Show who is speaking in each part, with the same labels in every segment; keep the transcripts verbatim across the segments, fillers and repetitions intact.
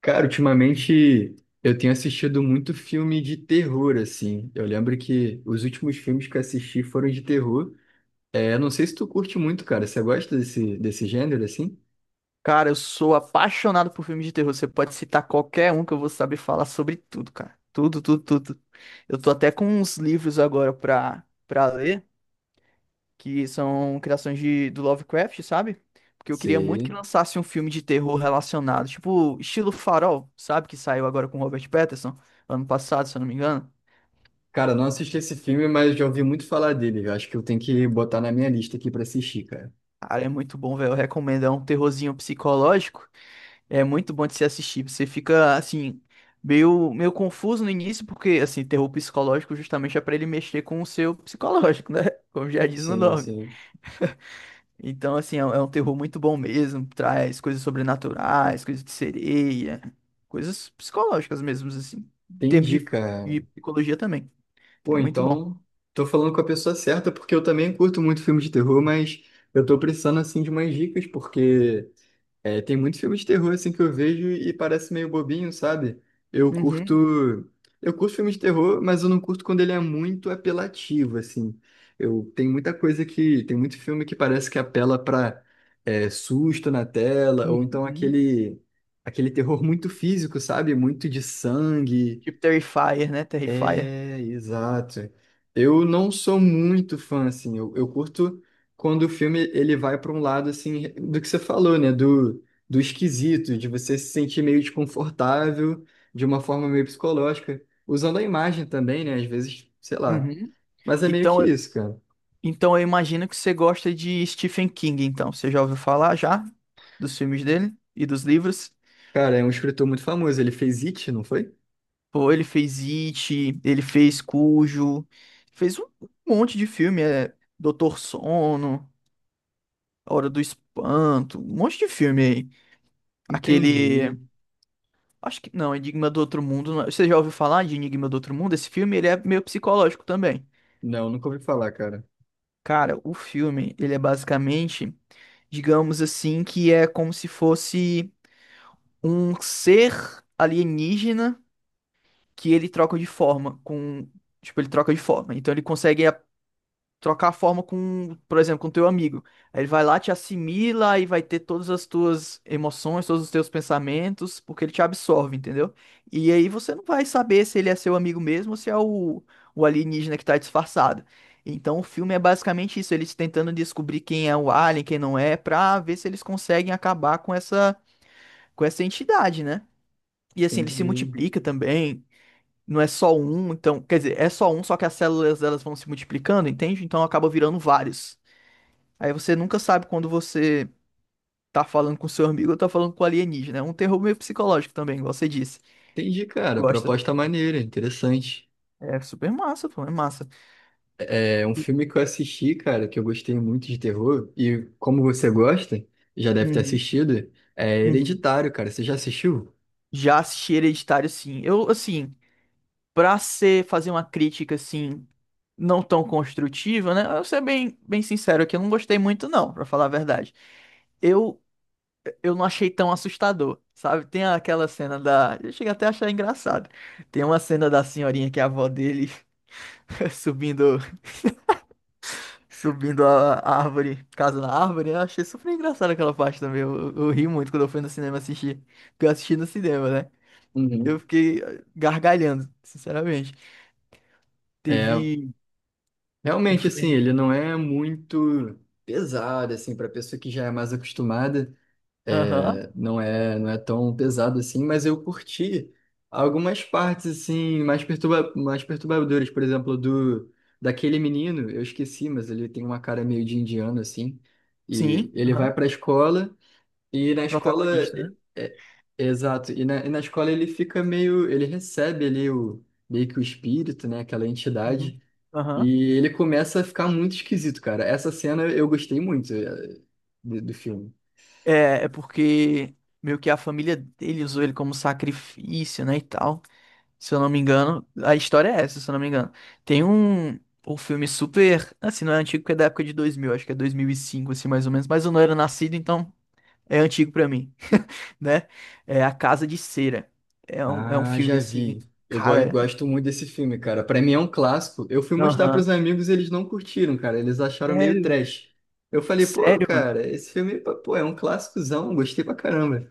Speaker 1: Cara, ultimamente eu tenho assistido muito filme de terror, assim. Eu lembro que os últimos filmes que eu assisti foram de terror. É, não sei se tu curte muito, cara. Você gosta desse, desse gênero, assim?
Speaker 2: Cara, eu sou apaixonado por filmes de terror. Você pode citar qualquer um que eu vou saber falar sobre tudo, cara. Tudo, tudo, tudo. Eu tô até com uns livros agora pra, pra ler, que são criações de, do Lovecraft, sabe? Porque eu queria muito que
Speaker 1: Sim.
Speaker 2: lançasse um filme de terror relacionado, tipo, estilo Farol, sabe? Que saiu agora com Robert Pattinson, ano passado, se eu não me engano.
Speaker 1: Cara, não assisti esse filme, mas já ouvi muito falar dele. Eu acho que eu tenho que botar na minha lista aqui pra assistir, cara.
Speaker 2: Cara, é muito bom, velho. Eu recomendo. É um terrorzinho psicológico. É muito bom de se assistir. Você fica, assim, meio, meio confuso no início, porque, assim, terror psicológico justamente é pra ele mexer com o seu psicológico, né? Como já diz no
Speaker 1: Sim,
Speaker 2: nome.
Speaker 1: sim.
Speaker 2: Então, assim, é um é um terror muito bom mesmo. Traz coisas sobrenaturais, coisas de sereia, coisas psicológicas mesmo, assim. Em termos
Speaker 1: Entendi,
Speaker 2: de,
Speaker 1: cara.
Speaker 2: de psicologia também.
Speaker 1: Pô,
Speaker 2: É muito bom.
Speaker 1: então, tô falando com a pessoa certa, porque eu também curto muito filme de terror, mas eu tô precisando, assim, de umas dicas, porque... É, tem muitos filmes de terror assim que eu vejo e parece meio bobinho, sabe? Eu curto,
Speaker 2: Uhum,
Speaker 1: eu curto filme de terror, mas eu não curto quando ele é muito apelativo, assim. Eu tem muita coisa que tem muito filme que parece que apela pra é, susto na tela ou então
Speaker 2: uhum.
Speaker 1: aquele aquele terror muito físico, sabe? Muito de sangue.
Speaker 2: Tipo Terrifier, né? Terrifier.
Speaker 1: É, exato. Eu não sou muito fã, assim, eu, eu curto quando o filme ele vai para um lado, assim, do que você falou, né, do, do esquisito, de você se sentir meio desconfortável, de uma forma meio psicológica, usando a imagem também, né, às vezes, sei lá.
Speaker 2: Uhum.
Speaker 1: Mas é meio que
Speaker 2: Então,
Speaker 1: isso, cara.
Speaker 2: Então eu imagino que você gosta de Stephen King, então. Você já ouviu falar já dos filmes dele e dos livros?
Speaker 1: Cara, é um escritor muito famoso, ele fez It, não foi?
Speaker 2: Pô, ele fez It, ele fez Cujo, fez um monte de filme, é Doutor Sono, A Hora do Espanto, um monte de filme aí. Aquele,
Speaker 1: Entendi.
Speaker 2: acho que não, Enigma do Outro Mundo. Não é- Você já ouviu falar de Enigma do Outro Mundo? Esse filme, ele é meio psicológico também.
Speaker 1: Não, nunca ouvi falar, cara.
Speaker 2: Cara, o filme, ele é basicamente, digamos assim, que é como se fosse um ser alienígena que ele troca de forma com, tipo, ele troca de forma. Então ele consegue a- trocar a forma com, por exemplo, com teu amigo. Aí ele vai lá, te assimila e vai ter todas as tuas emoções, todos os teus pensamentos, porque ele te absorve, entendeu? E aí você não vai saber se ele é seu amigo mesmo ou se é o, o alienígena que tá disfarçado. Então o filme é basicamente isso, eles tentando descobrir quem é o alien, quem não é, pra ver se eles conseguem acabar com essa com essa entidade, né? E assim, ele se
Speaker 1: Entendi.
Speaker 2: multiplica também. Não é só um, então. Quer dizer, é só um, só que as células elas vão se multiplicando, entende? Então acaba virando vários. Aí você nunca sabe quando você tá falando com seu amigo ou tá falando com alienígena. É um terror meio psicológico também, igual você disse.
Speaker 1: Entendi, cara,
Speaker 2: Gosta.
Speaker 1: proposta maneira, interessante.
Speaker 2: É super massa, pô, é massa.
Speaker 1: É um filme que eu assisti, cara, que eu gostei muito de terror. E como você gosta, já deve ter
Speaker 2: Uhum,
Speaker 1: assistido, é
Speaker 2: uhum.
Speaker 1: Hereditário, cara. Você já assistiu?
Speaker 2: Já assisti Hereditário, sim. Eu, assim, pra ser, fazer uma crítica, assim, não tão construtiva, né? Eu vou ser bem, bem sincero aqui, eu não gostei muito, não, pra falar a verdade. Eu eu não achei tão assustador, sabe? Tem aquela cena da. Eu cheguei até a achar engraçado. Tem uma cena da senhorinha que é a avó dele subindo, subindo a a árvore, casa na árvore. Eu achei super engraçado aquela parte também. Eu, eu- eu ri muito quando eu fui no cinema assistir. Porque eu assisti no cinema, né?
Speaker 1: Uhum.
Speaker 2: Eu fiquei eh, gargalhando, sinceramente.
Speaker 1: É,
Speaker 2: Teve um
Speaker 1: realmente, assim,
Speaker 2: filme.
Speaker 1: ele não é muito pesado, assim, para pessoa que já é mais acostumada,
Speaker 2: Aham.
Speaker 1: é, não é, não é tão pesado assim, mas eu curti algumas partes, assim, mais perturba, mais perturbadoras, por exemplo, do daquele menino, eu esqueci, mas ele tem uma cara meio de indiano, assim, e
Speaker 2: Sim,
Speaker 1: ele vai
Speaker 2: aham.
Speaker 1: para a escola. E na escola,
Speaker 2: Protagonista, né?
Speaker 1: é- é- exato, e na, e na escola ele fica meio, ele recebe ali o, meio que o espírito, né, aquela
Speaker 2: Uhum.
Speaker 1: entidade,
Speaker 2: Aham.
Speaker 1: e ele começa a ficar muito esquisito, cara. Essa cena eu gostei muito eh, do, do filme.
Speaker 2: É, é porque meio que a família dele usou ele como sacrifício, né, e tal. Se eu não me engano, a história é essa, se eu não me engano. Tem um, um filme super, assim, não é antigo porque é da época de dois mil, acho que é dois mil e cinco, assim, mais ou menos. Mas eu não era nascido, então é antigo pra mim, né? É A Casa de Cera. É um, é um
Speaker 1: Ah,
Speaker 2: filme,
Speaker 1: já
Speaker 2: assim,
Speaker 1: vi. Eu go
Speaker 2: cara...
Speaker 1: gosto muito desse filme, cara. Pra mim é um clássico. Eu fui mostrar
Speaker 2: Aham.
Speaker 1: pros amigos, eles não curtiram, cara. Eles acharam meio
Speaker 2: Sério, velho.
Speaker 1: trash. Eu falei, pô,
Speaker 2: Sério, mano.
Speaker 1: cara, esse filme, pô, é um clássicozão, gostei pra caramba.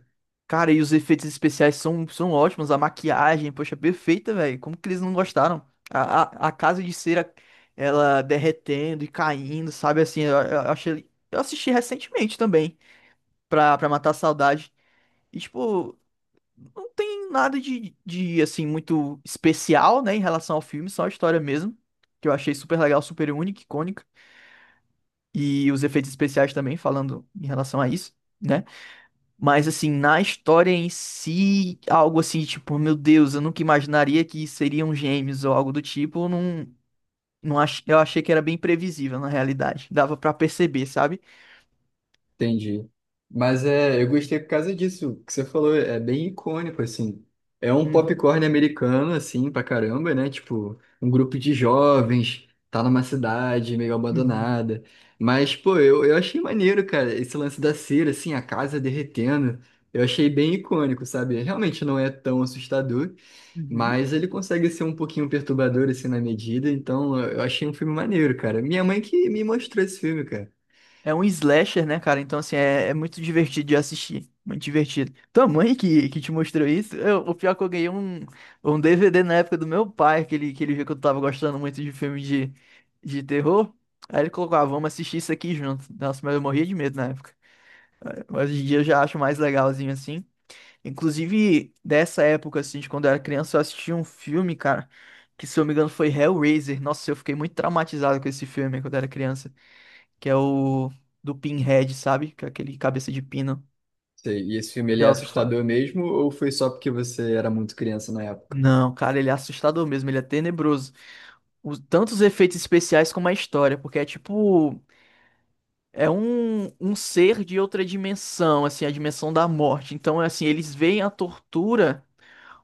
Speaker 2: Cara, e os efeitos especiais são, são ótimos. A maquiagem, poxa, perfeita, velho. Como que eles não gostaram? A, a, a Casa de Cera, ela derretendo e caindo, sabe? Assim, eu, eu achei... Eu assisti recentemente também. Pra, pra matar a saudade. E, tipo, não tem nada de, de, assim, muito especial, né, em relação ao filme, só a história mesmo, que eu achei super legal, super única, icônica. E os efeitos especiais também, falando em relação a isso, né? Mas, assim, na história em si, algo assim, tipo, meu Deus, eu nunca imaginaria que seriam gêmeos ou algo do tipo, não, não ach... eu achei que era bem previsível, na realidade. Dava pra perceber, sabe?
Speaker 1: Entendi. Mas é, eu gostei por causa disso. O que você falou, é bem icônico, assim. É um
Speaker 2: Uhum,
Speaker 1: popcorn americano, assim, pra caramba, né? Tipo, um grupo de jovens, tá numa cidade meio
Speaker 2: uhum,
Speaker 1: abandonada. Mas, pô, eu, eu achei maneiro, cara, esse lance da cera, assim, a casa derretendo. Eu achei bem icônico, sabe? Realmente não é tão assustador,
Speaker 2: uhum.
Speaker 1: mas ele consegue ser um pouquinho perturbador, assim, na medida. Então, eu achei um filme maneiro, cara. Minha mãe que me mostrou esse filme, cara.
Speaker 2: É um slasher, né, cara? Então, assim, é, é muito divertido de assistir. Muito divertido. Tua mãe que, que te mostrou isso? Eu- o pior é que eu ganhei um, um D V D na época do meu pai, que ele, que ele viu que eu tava gostando muito de filme de, de terror. Aí ele colocou, ah, vamos assistir isso aqui junto. Nossa, mas eu morria de medo na época. Mas hoje em dia eu já acho mais legalzinho, assim. Inclusive, dessa época, assim, de quando eu era criança, eu assisti um filme, cara, que se eu não me engano foi Hellraiser. Nossa, eu fiquei muito traumatizado com esse filme quando eu era criança que é o do Pinhead, sabe? Que é aquele cabeça de pino.
Speaker 1: Sei. E esse filme, ele é
Speaker 2: Já ouviu falar?
Speaker 1: assustador mesmo ou foi só porque você era muito criança na época?
Speaker 2: Não, cara, ele é assustador mesmo, ele é tenebroso. Os, tanto os efeitos especiais como a história, porque é tipo. É um, um ser de outra dimensão, assim, a dimensão da morte. Então, é assim, eles veem a tortura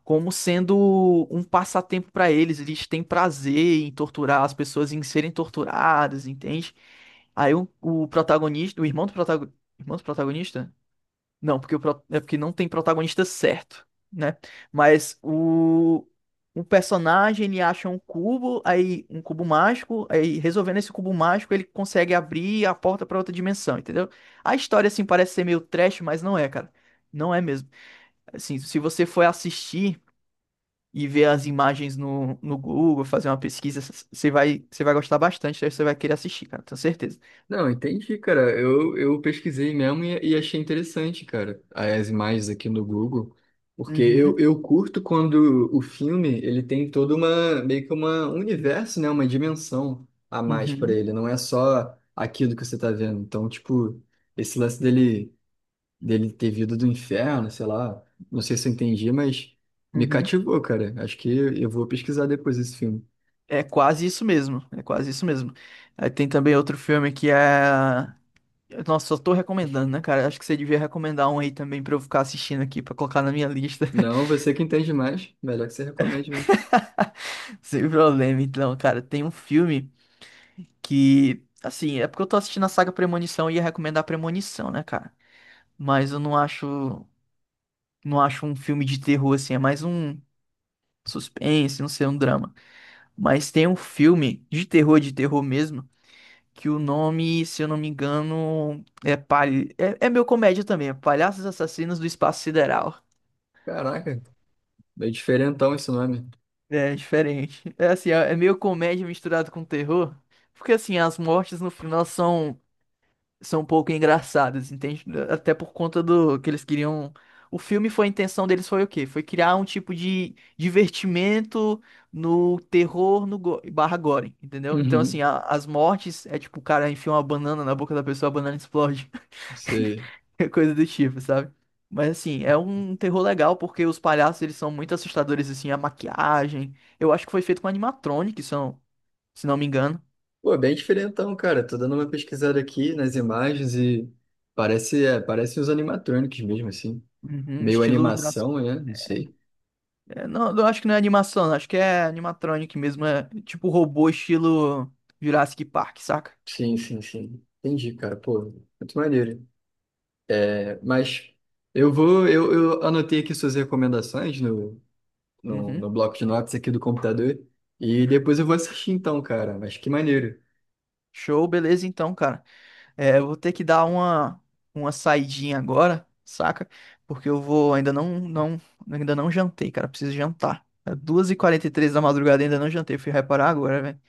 Speaker 2: como sendo um passatempo pra eles. Eles têm prazer em torturar as pessoas, em serem torturadas, entende? Aí o, o protagonista, o irmão do protagonista. Irmão do protagonista? Não, porque, o, pro- é porque não tem protagonista certo, né? Mas o, o personagem, ele acha um cubo, aí um cubo mágico, aí resolvendo esse cubo mágico, ele consegue abrir a porta para outra dimensão, entendeu? A história, assim, parece ser meio trash, mas não é, cara. Não é mesmo. Assim, se você for assistir e ver as imagens no, no Google, fazer uma pesquisa, c- você vai, você vai gostar bastante, você vai querer assistir, cara, tenho certeza.
Speaker 1: Não, entendi, cara. Eu, eu pesquisei mesmo e, e achei interessante, cara, as imagens aqui no Google, porque eu,
Speaker 2: Uhum,
Speaker 1: eu curto quando o filme, ele tem toda uma, meio que uma um universo, né, uma dimensão a mais para
Speaker 2: uhum,
Speaker 1: ele, não é só aquilo que você tá vendo. Então, tipo, esse lance dele, dele ter vindo do inferno, sei lá, não sei se eu entendi, mas me
Speaker 2: uhum.
Speaker 1: cativou, cara. Acho que eu vou pesquisar depois esse filme.
Speaker 2: É quase isso mesmo, é quase isso mesmo. Aí tem também outro filme que é. Nossa, só tô recomendando, né, cara? Acho que você devia recomendar um aí também pra eu ficar assistindo aqui, pra colocar na minha lista.
Speaker 1: Não, você que entende mais. Melhor que você recomende, viu?
Speaker 2: Sem problema, então, cara. Tem um filme que, assim, é porque eu tô assistindo a saga Premonição e ia recomendar Premonição, né, cara? Mas eu não acho, não acho um filme de terror, assim, é mais um suspense, não sei, um drama. Mas tem um filme de terror, de terror mesmo que o nome, se eu não me engano, é, palha... é, é meio comédia também, é Palhaços Assassinos do Espaço Sideral.
Speaker 1: Caraca, bem diferentão esse nome.
Speaker 2: É é diferente. É assim, é é meio comédia misturado com terror, porque assim, as mortes no final são são um pouco engraçadas, entende? Até por conta do que eles queriam. O filme foi, a intenção deles foi o quê? Foi criar um tipo de divertimento no terror no go- barra gore, entendeu? Então, assim,
Speaker 1: Uhum,
Speaker 2: a- as mortes é tipo o cara enfia uma banana na boca da pessoa, a banana explode.
Speaker 1: sei.
Speaker 2: Coisa do tipo, sabe? Mas assim, é um terror legal porque os palhaços eles são muito assustadores assim, a maquiagem. Eu acho que foi feito com animatronic, se não, se não me engano.
Speaker 1: Pô, bem diferentão, cara. Tô dando uma pesquisada aqui nas imagens e parece, é, parece os animatronics mesmo, assim.
Speaker 2: Uhum,
Speaker 1: Meio
Speaker 2: estilo Jurassic.
Speaker 1: animação, né? Não sei.
Speaker 2: É, não, eu acho que não é animação, acho que é animatronic mesmo, é tipo robô estilo Jurassic Park, saca?
Speaker 1: Sim, sim, sim. Entendi, cara. Pô, muito maneiro. É, mas eu vou, eu, eu anotei aqui suas recomendações no, no,
Speaker 2: Uhum.
Speaker 1: no bloco de notas aqui do computador e depois eu vou assistir então, cara. Mas que maneiro.
Speaker 2: Show, beleza então, cara. É, eu vou ter que dar uma, uma saidinha agora, saca? Porque eu vou, ainda não, não, ainda não jantei, cara, preciso jantar. É duas e quarenta e três da madrugada, ainda não jantei, fui reparar agora, velho.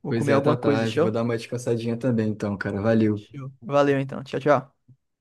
Speaker 2: Vou
Speaker 1: Pois
Speaker 2: comer
Speaker 1: é, tá
Speaker 2: alguma coisa,
Speaker 1: tarde. Vou
Speaker 2: show?
Speaker 1: dar uma descansadinha também, então, cara. Valeu.
Speaker 2: Show. Valeu então, tchau, tchau.